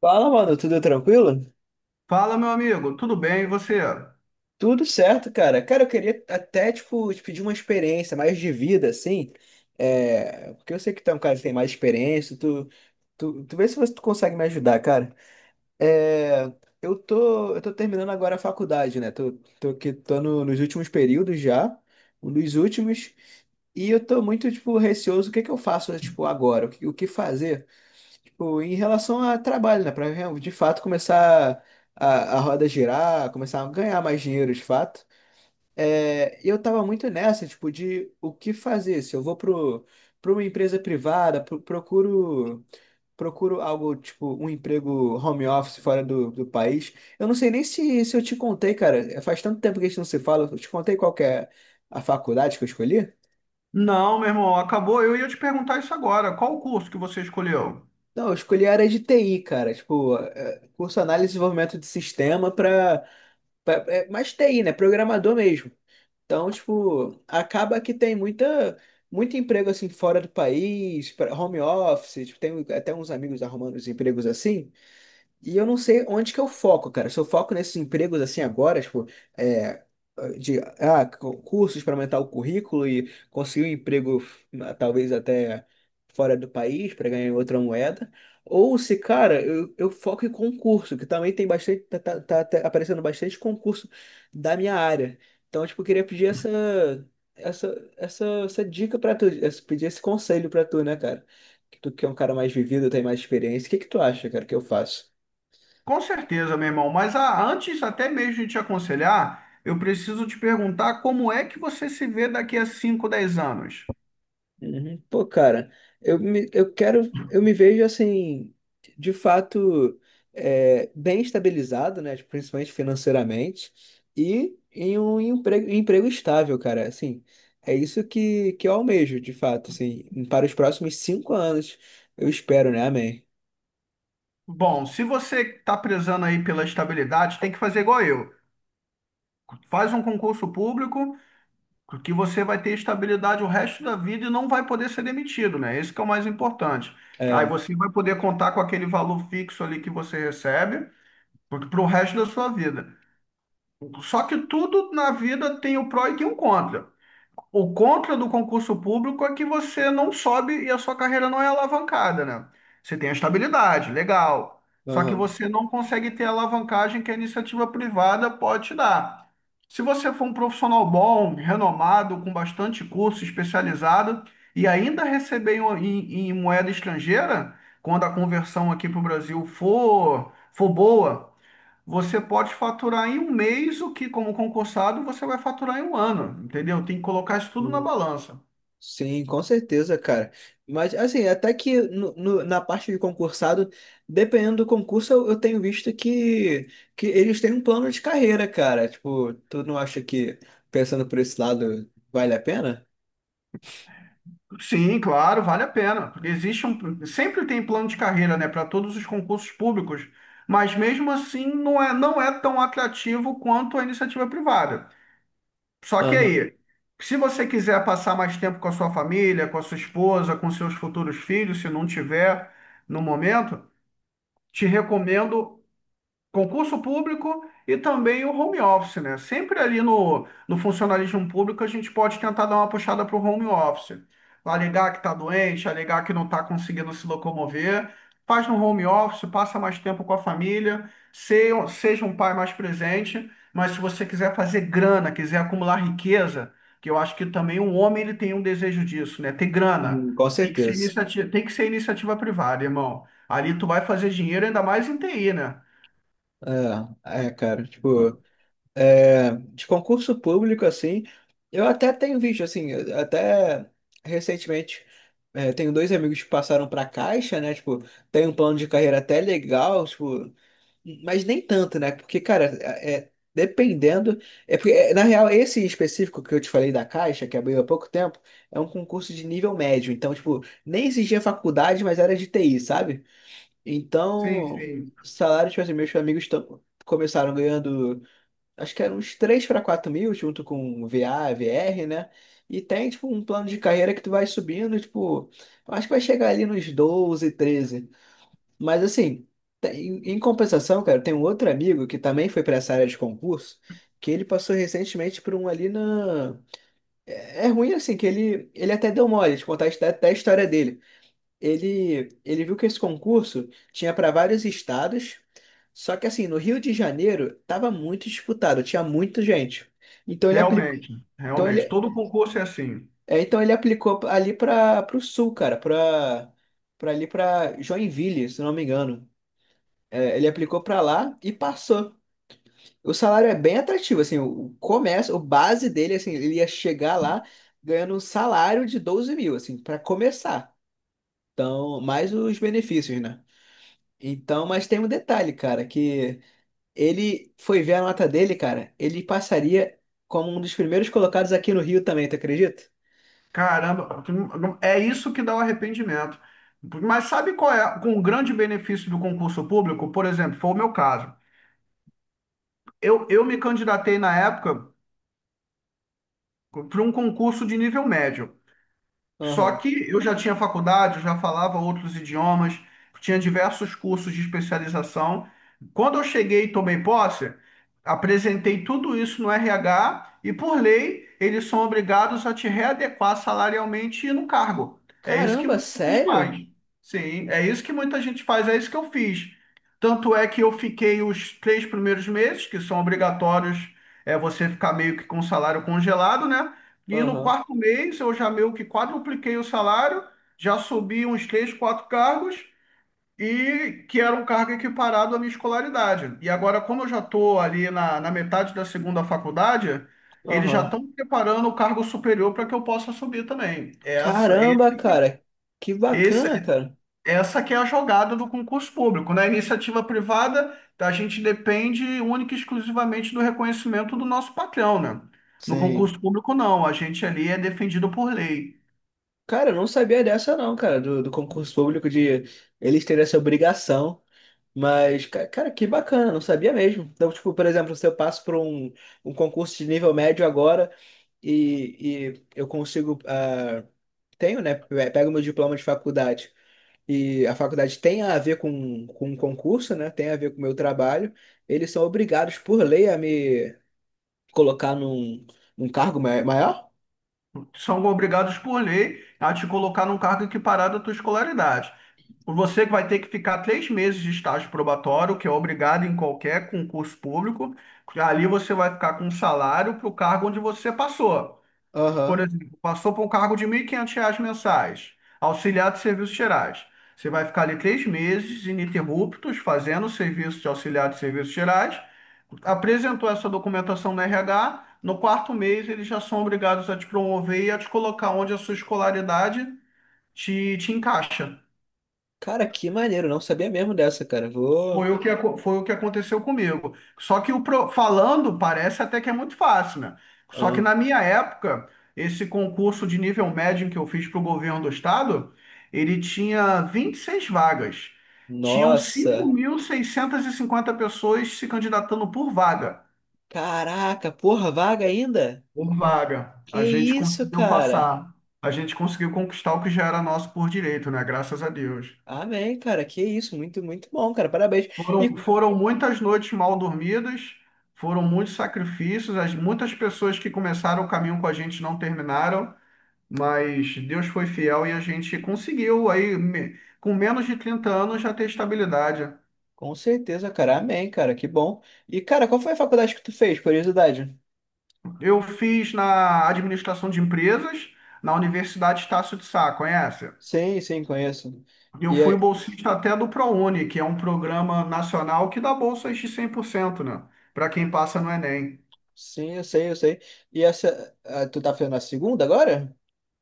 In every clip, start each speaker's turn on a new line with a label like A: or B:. A: Fala, mano, tudo tranquilo?
B: Fala, meu amigo, tudo bem? E você?
A: Tudo certo, cara. Cara, eu queria até, tipo, te pedir uma experiência mais de vida, assim. Porque eu sei que tu é um cara que tem mais experiência. Tu vê se você tu consegue me ajudar, cara. É... eu tô terminando agora a faculdade, né? Tô aqui, tô nos últimos períodos já. Um dos últimos. E eu tô muito, tipo, receoso. O que que eu faço, tipo, agora? O que fazer? Pô, em relação a trabalho, né? Para de fato começar a, a roda girar, começar a ganhar mais dinheiro de fato. É, eu tava muito nessa, tipo, de o que fazer. Se eu vou pra uma empresa privada, procuro algo, tipo, um emprego home office fora do país. Eu não sei nem se eu te contei, cara. Faz tanto tempo que a gente não se fala. Eu te contei qual que é a faculdade que eu escolhi?
B: Não, meu irmão, acabou. Eu ia te perguntar isso agora. Qual o curso que você escolheu?
A: Não, eu escolhi a área de TI, cara. Tipo, curso análise e desenvolvimento de sistema para É mais TI, né? Programador mesmo. Então, tipo, acaba que tem muito emprego assim fora do país, home office, tipo, tem um, até uns amigos arrumando os empregos assim. E eu não sei onde que eu foco, cara. Se eu foco nesses empregos assim agora, tipo, é, de cursos para aumentar o currículo e conseguir um emprego talvez até fora do país para ganhar em outra moeda. Ou se, cara, eu foco em concurso, que também tem bastante, tá aparecendo bastante concurso da minha área. Então, tipo, eu queria pedir essa dica para tu, pedir esse conselho para tu, né, cara? Que tu que é um cara mais vivido, tem mais experiência. O que que tu acha, cara, que eu faço?
B: Com certeza, meu irmão, mas antes até mesmo de te aconselhar, eu preciso te perguntar como é que você se vê daqui a 5, 10 anos.
A: Uhum. Pô, cara, eu me vejo assim, de fato, bem estabilizado, né? Tipo, principalmente financeiramente, e em um emprego estável, cara. Assim, é isso que eu almejo, de fato, assim, para os próximos 5 anos, eu espero, né? Amém.
B: Bom, se você está prezando aí pela estabilidade, tem que fazer igual eu. Faz um concurso público, que você vai ter estabilidade o resto da vida e não vai poder ser demitido, né? Esse que é o mais importante. Aí
A: É,
B: você vai poder contar com aquele valor fixo ali que você recebe para o resto da sua vida. Só que tudo na vida tem o pró e tem o contra. O contra do concurso público é que você não sobe e a sua carreira não é alavancada, né? Você tem a estabilidade, legal. Só que
A: aham.
B: você não consegue ter a alavancagem que a iniciativa privada pode te dar. Se você for um profissional bom, renomado, com bastante curso, especializado, e ainda receber em moeda estrangeira, quando a conversão aqui para o Brasil for boa, você pode faturar em um mês o que, como concursado, você vai faturar em um ano, entendeu? Tem que colocar isso tudo na balança.
A: Sim, com certeza, cara. Mas, assim, até que na parte de concursado, dependendo do concurso, eu tenho visto que eles têm um plano de carreira, cara. Tipo, tu não acha que, pensando por esse lado, vale a pena?
B: Sim, claro, vale a pena, porque existe um, sempre tem plano de carreira, né, para todos os concursos públicos, mas mesmo assim não é tão atrativo quanto a iniciativa privada. Só que
A: Aham.
B: aí, se você quiser passar mais tempo com a sua família, com a sua esposa, com seus futuros filhos, se não tiver no momento, te recomendo concurso público e também o home office, né? Sempre ali no funcionalismo público a gente pode tentar dar uma puxada para o home office. Alegar que está doente, alegar que não está conseguindo se locomover. Faz no home office, passa mais tempo com a família, seja um pai mais presente. Mas se você quiser fazer grana, quiser acumular riqueza, que eu acho que também um homem ele tem um desejo disso, né? Ter grana.
A: Com
B: Tem que ser
A: certeza.
B: iniciativa, tem que ser iniciativa privada, irmão. Ali tu vai fazer dinheiro ainda mais em TI, né?
A: É, cara, tipo, de concurso público, assim, eu até tenho visto, assim, até recentemente, tenho dois amigos que passaram pra Caixa, né, tipo, tem um plano de carreira até legal, tipo, mas nem tanto, né? Porque, cara, dependendo. É porque, na real, esse específico que eu te falei da Caixa, que abriu há pouco tempo, é um concurso de nível médio. Então, tipo, nem exigia faculdade, mas era de TI, sabe?
B: Sim,
A: Então,
B: sim.
A: salário, tipo assim, meus amigos começaram ganhando, acho que era uns 3 para 4 mil, junto com VA, VR, né? E tem, tipo, um plano de carreira que tu vai subindo, tipo, eu acho que vai chegar ali nos 12, 13. Mas assim, tem- em compensação, cara, tem um outro amigo que também foi para essa área de concurso, que ele passou recentemente por um ali na. É ruim assim, que ele até deu mole de contar até a história dele. Ele viu que esse concurso tinha para vários estados, só que assim, no Rio de Janeiro tava muito disputado, tinha muita gente. Então ele aplicou,
B: Realmente,
A: então
B: realmente.
A: ele,
B: Todo concurso é assim.
A: então ele aplicou ali para o sul, cara, para ali para Joinville, se não me engano. É, ele aplicou para lá e passou. O salário é bem atrativo, assim, o começo, o base dele, assim, ele ia chegar lá ganhando um salário de 12 mil, assim, para começar. Então, mais os benefícios, né? Então, mas tem um detalhe, cara, que ele foi ver a nota dele, cara, ele passaria como um dos primeiros colocados aqui no Rio também, tu acredita?
B: Caramba, é isso que dá o arrependimento. Mas sabe qual é um grande benefício do concurso público? Por exemplo, foi o meu caso. Eu me candidatei na época para um concurso de nível médio. Só
A: Aham.
B: que eu já tinha faculdade, eu já falava outros idiomas, tinha diversos cursos de especialização. Quando eu cheguei e tomei posse, apresentei tudo isso no RH e, por lei, eles são obrigados a te readequar salarialmente no cargo. É isso que
A: Caramba,
B: muita gente
A: sério?
B: faz. Sim, é isso que muita gente faz, é isso que eu fiz. Tanto é que eu fiquei os 3 primeiros meses, que são obrigatórios, é você ficar meio que com o salário congelado, né? E no
A: Aham,
B: quarto mês eu já meio que quadrupliquei o salário, já subi uns três, quatro cargos, e que era um cargo equiparado à minha escolaridade. E agora, como eu já estou ali na, na metade da segunda faculdade, eles já
A: aham.
B: estão preparando o cargo superior para que eu possa subir também. Essa,
A: Caramba,
B: esse,
A: cara, que
B: esse
A: bacana, cara.
B: essa que é a jogada do concurso público. Na iniciativa privada, a gente depende única e exclusivamente do reconhecimento do nosso patrão, né? No
A: Sim.
B: concurso público, não. A gente ali é defendido por lei.
A: Cara, eu não sabia dessa não, cara, do concurso público de eles terem essa obrigação. Mas, cara, que bacana, não sabia mesmo. Então, tipo, por exemplo, se eu passo por um concurso de nível médio agora e, eu consigo, tenho, né, pego meu diploma de faculdade e a faculdade tem a ver com o concurso, né, tem a ver com o meu trabalho, eles são obrigados por lei a me colocar num cargo maior?
B: São obrigados por lei a te colocar num cargo equiparado à tua escolaridade. Você que vai ter que ficar 3 meses de estágio probatório, que é obrigado em qualquer concurso público. Ali você vai ficar com um salário para o cargo onde você passou. Por
A: Aham.
B: exemplo, passou por um cargo de R$ 1.500 mensais, auxiliar de serviços gerais. Você vai ficar ali 3 meses ininterruptos fazendo o serviço de auxiliar de serviços gerais, apresentou essa documentação no RH, no quarto mês eles já são obrigados a te promover e a te colocar onde a sua escolaridade te, te encaixa.
A: Cara, que maneiro, não sabia mesmo dessa, cara. Vou.
B: Foi o que aconteceu comigo. Só que falando parece até que é muito fácil, né? Só que
A: Ah,
B: na minha época, esse concurso de nível médio que eu fiz para o governo do estado, ele tinha 26 vagas. Tinham cinco
A: nossa,
B: mil seiscentas e cinquenta pessoas se candidatando por vaga.
A: caraca, porra, vaga ainda?
B: Por vaga.
A: Que
B: A gente
A: isso,
B: conseguiu
A: cara?
B: passar. A gente conseguiu conquistar o que já era nosso por direito, né? Graças a Deus.
A: Amém, cara, que isso, muito, muito bom, cara, parabéns. E
B: Foram muitas noites mal dormidas, foram muitos sacrifícios, muitas pessoas que começaram o caminho com a gente não terminaram, mas Deus foi fiel e a gente conseguiu aí, com menos de 30 anos, já ter estabilidade.
A: com certeza, cara, amém, cara, que bom. E, cara, qual foi a faculdade que tu fez, curiosidade?
B: Eu fiz na administração de empresas, na Universidade Estácio de Sá, conhece?
A: Sim, sim, conheço.
B: Eu
A: E
B: fui
A: aí-
B: bolsista até do ProUni, que é um programa nacional que dá bolsas de 100%, né? Para quem passa no Enem.
A: sim, eu sei, eu sei. E tu tá fazendo a segunda agora?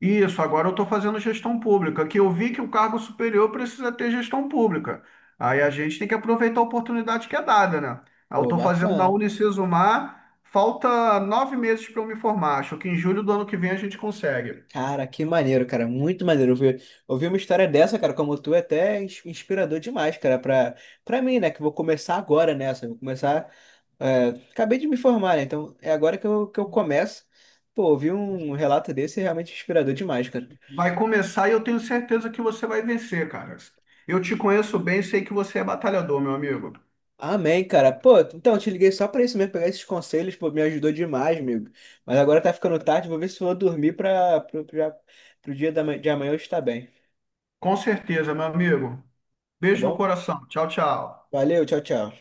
B: Isso, agora eu estou fazendo gestão pública, que eu vi que o cargo superior precisa ter gestão pública. Aí a gente tem que aproveitar a oportunidade que é dada, né? Aí eu
A: Pô,
B: estou fazendo na
A: bacana.
B: Unicesumar, falta 9 meses para eu me formar. Acho que em julho do ano que vem a gente consegue.
A: Cara, que maneiro, cara. Muito maneiro. Ouvir uma história dessa, cara, como tu, é até inspirador demais, cara, pra mim, né? Que eu vou começar agora nessa. Vou começar. Acabei de me formar, né? Então é agora que eu começo. Pô, ouvir um relato desse é realmente inspirador demais, cara.
B: Vai começar e eu tenho certeza que você vai vencer, cara. Eu te conheço bem, sei que você é batalhador, meu amigo.
A: Amém, cara. Pô, então eu te liguei só pra isso mesmo, pegar esses conselhos, pô, me ajudou demais, amigo. Mas agora tá ficando tarde, vou ver se eu vou dormir pro dia de amanhã eu estar bem,
B: Com certeza, meu amigo.
A: tá
B: Beijo no
A: bom?
B: coração. Tchau, tchau.
A: Valeu, tchau, tchau.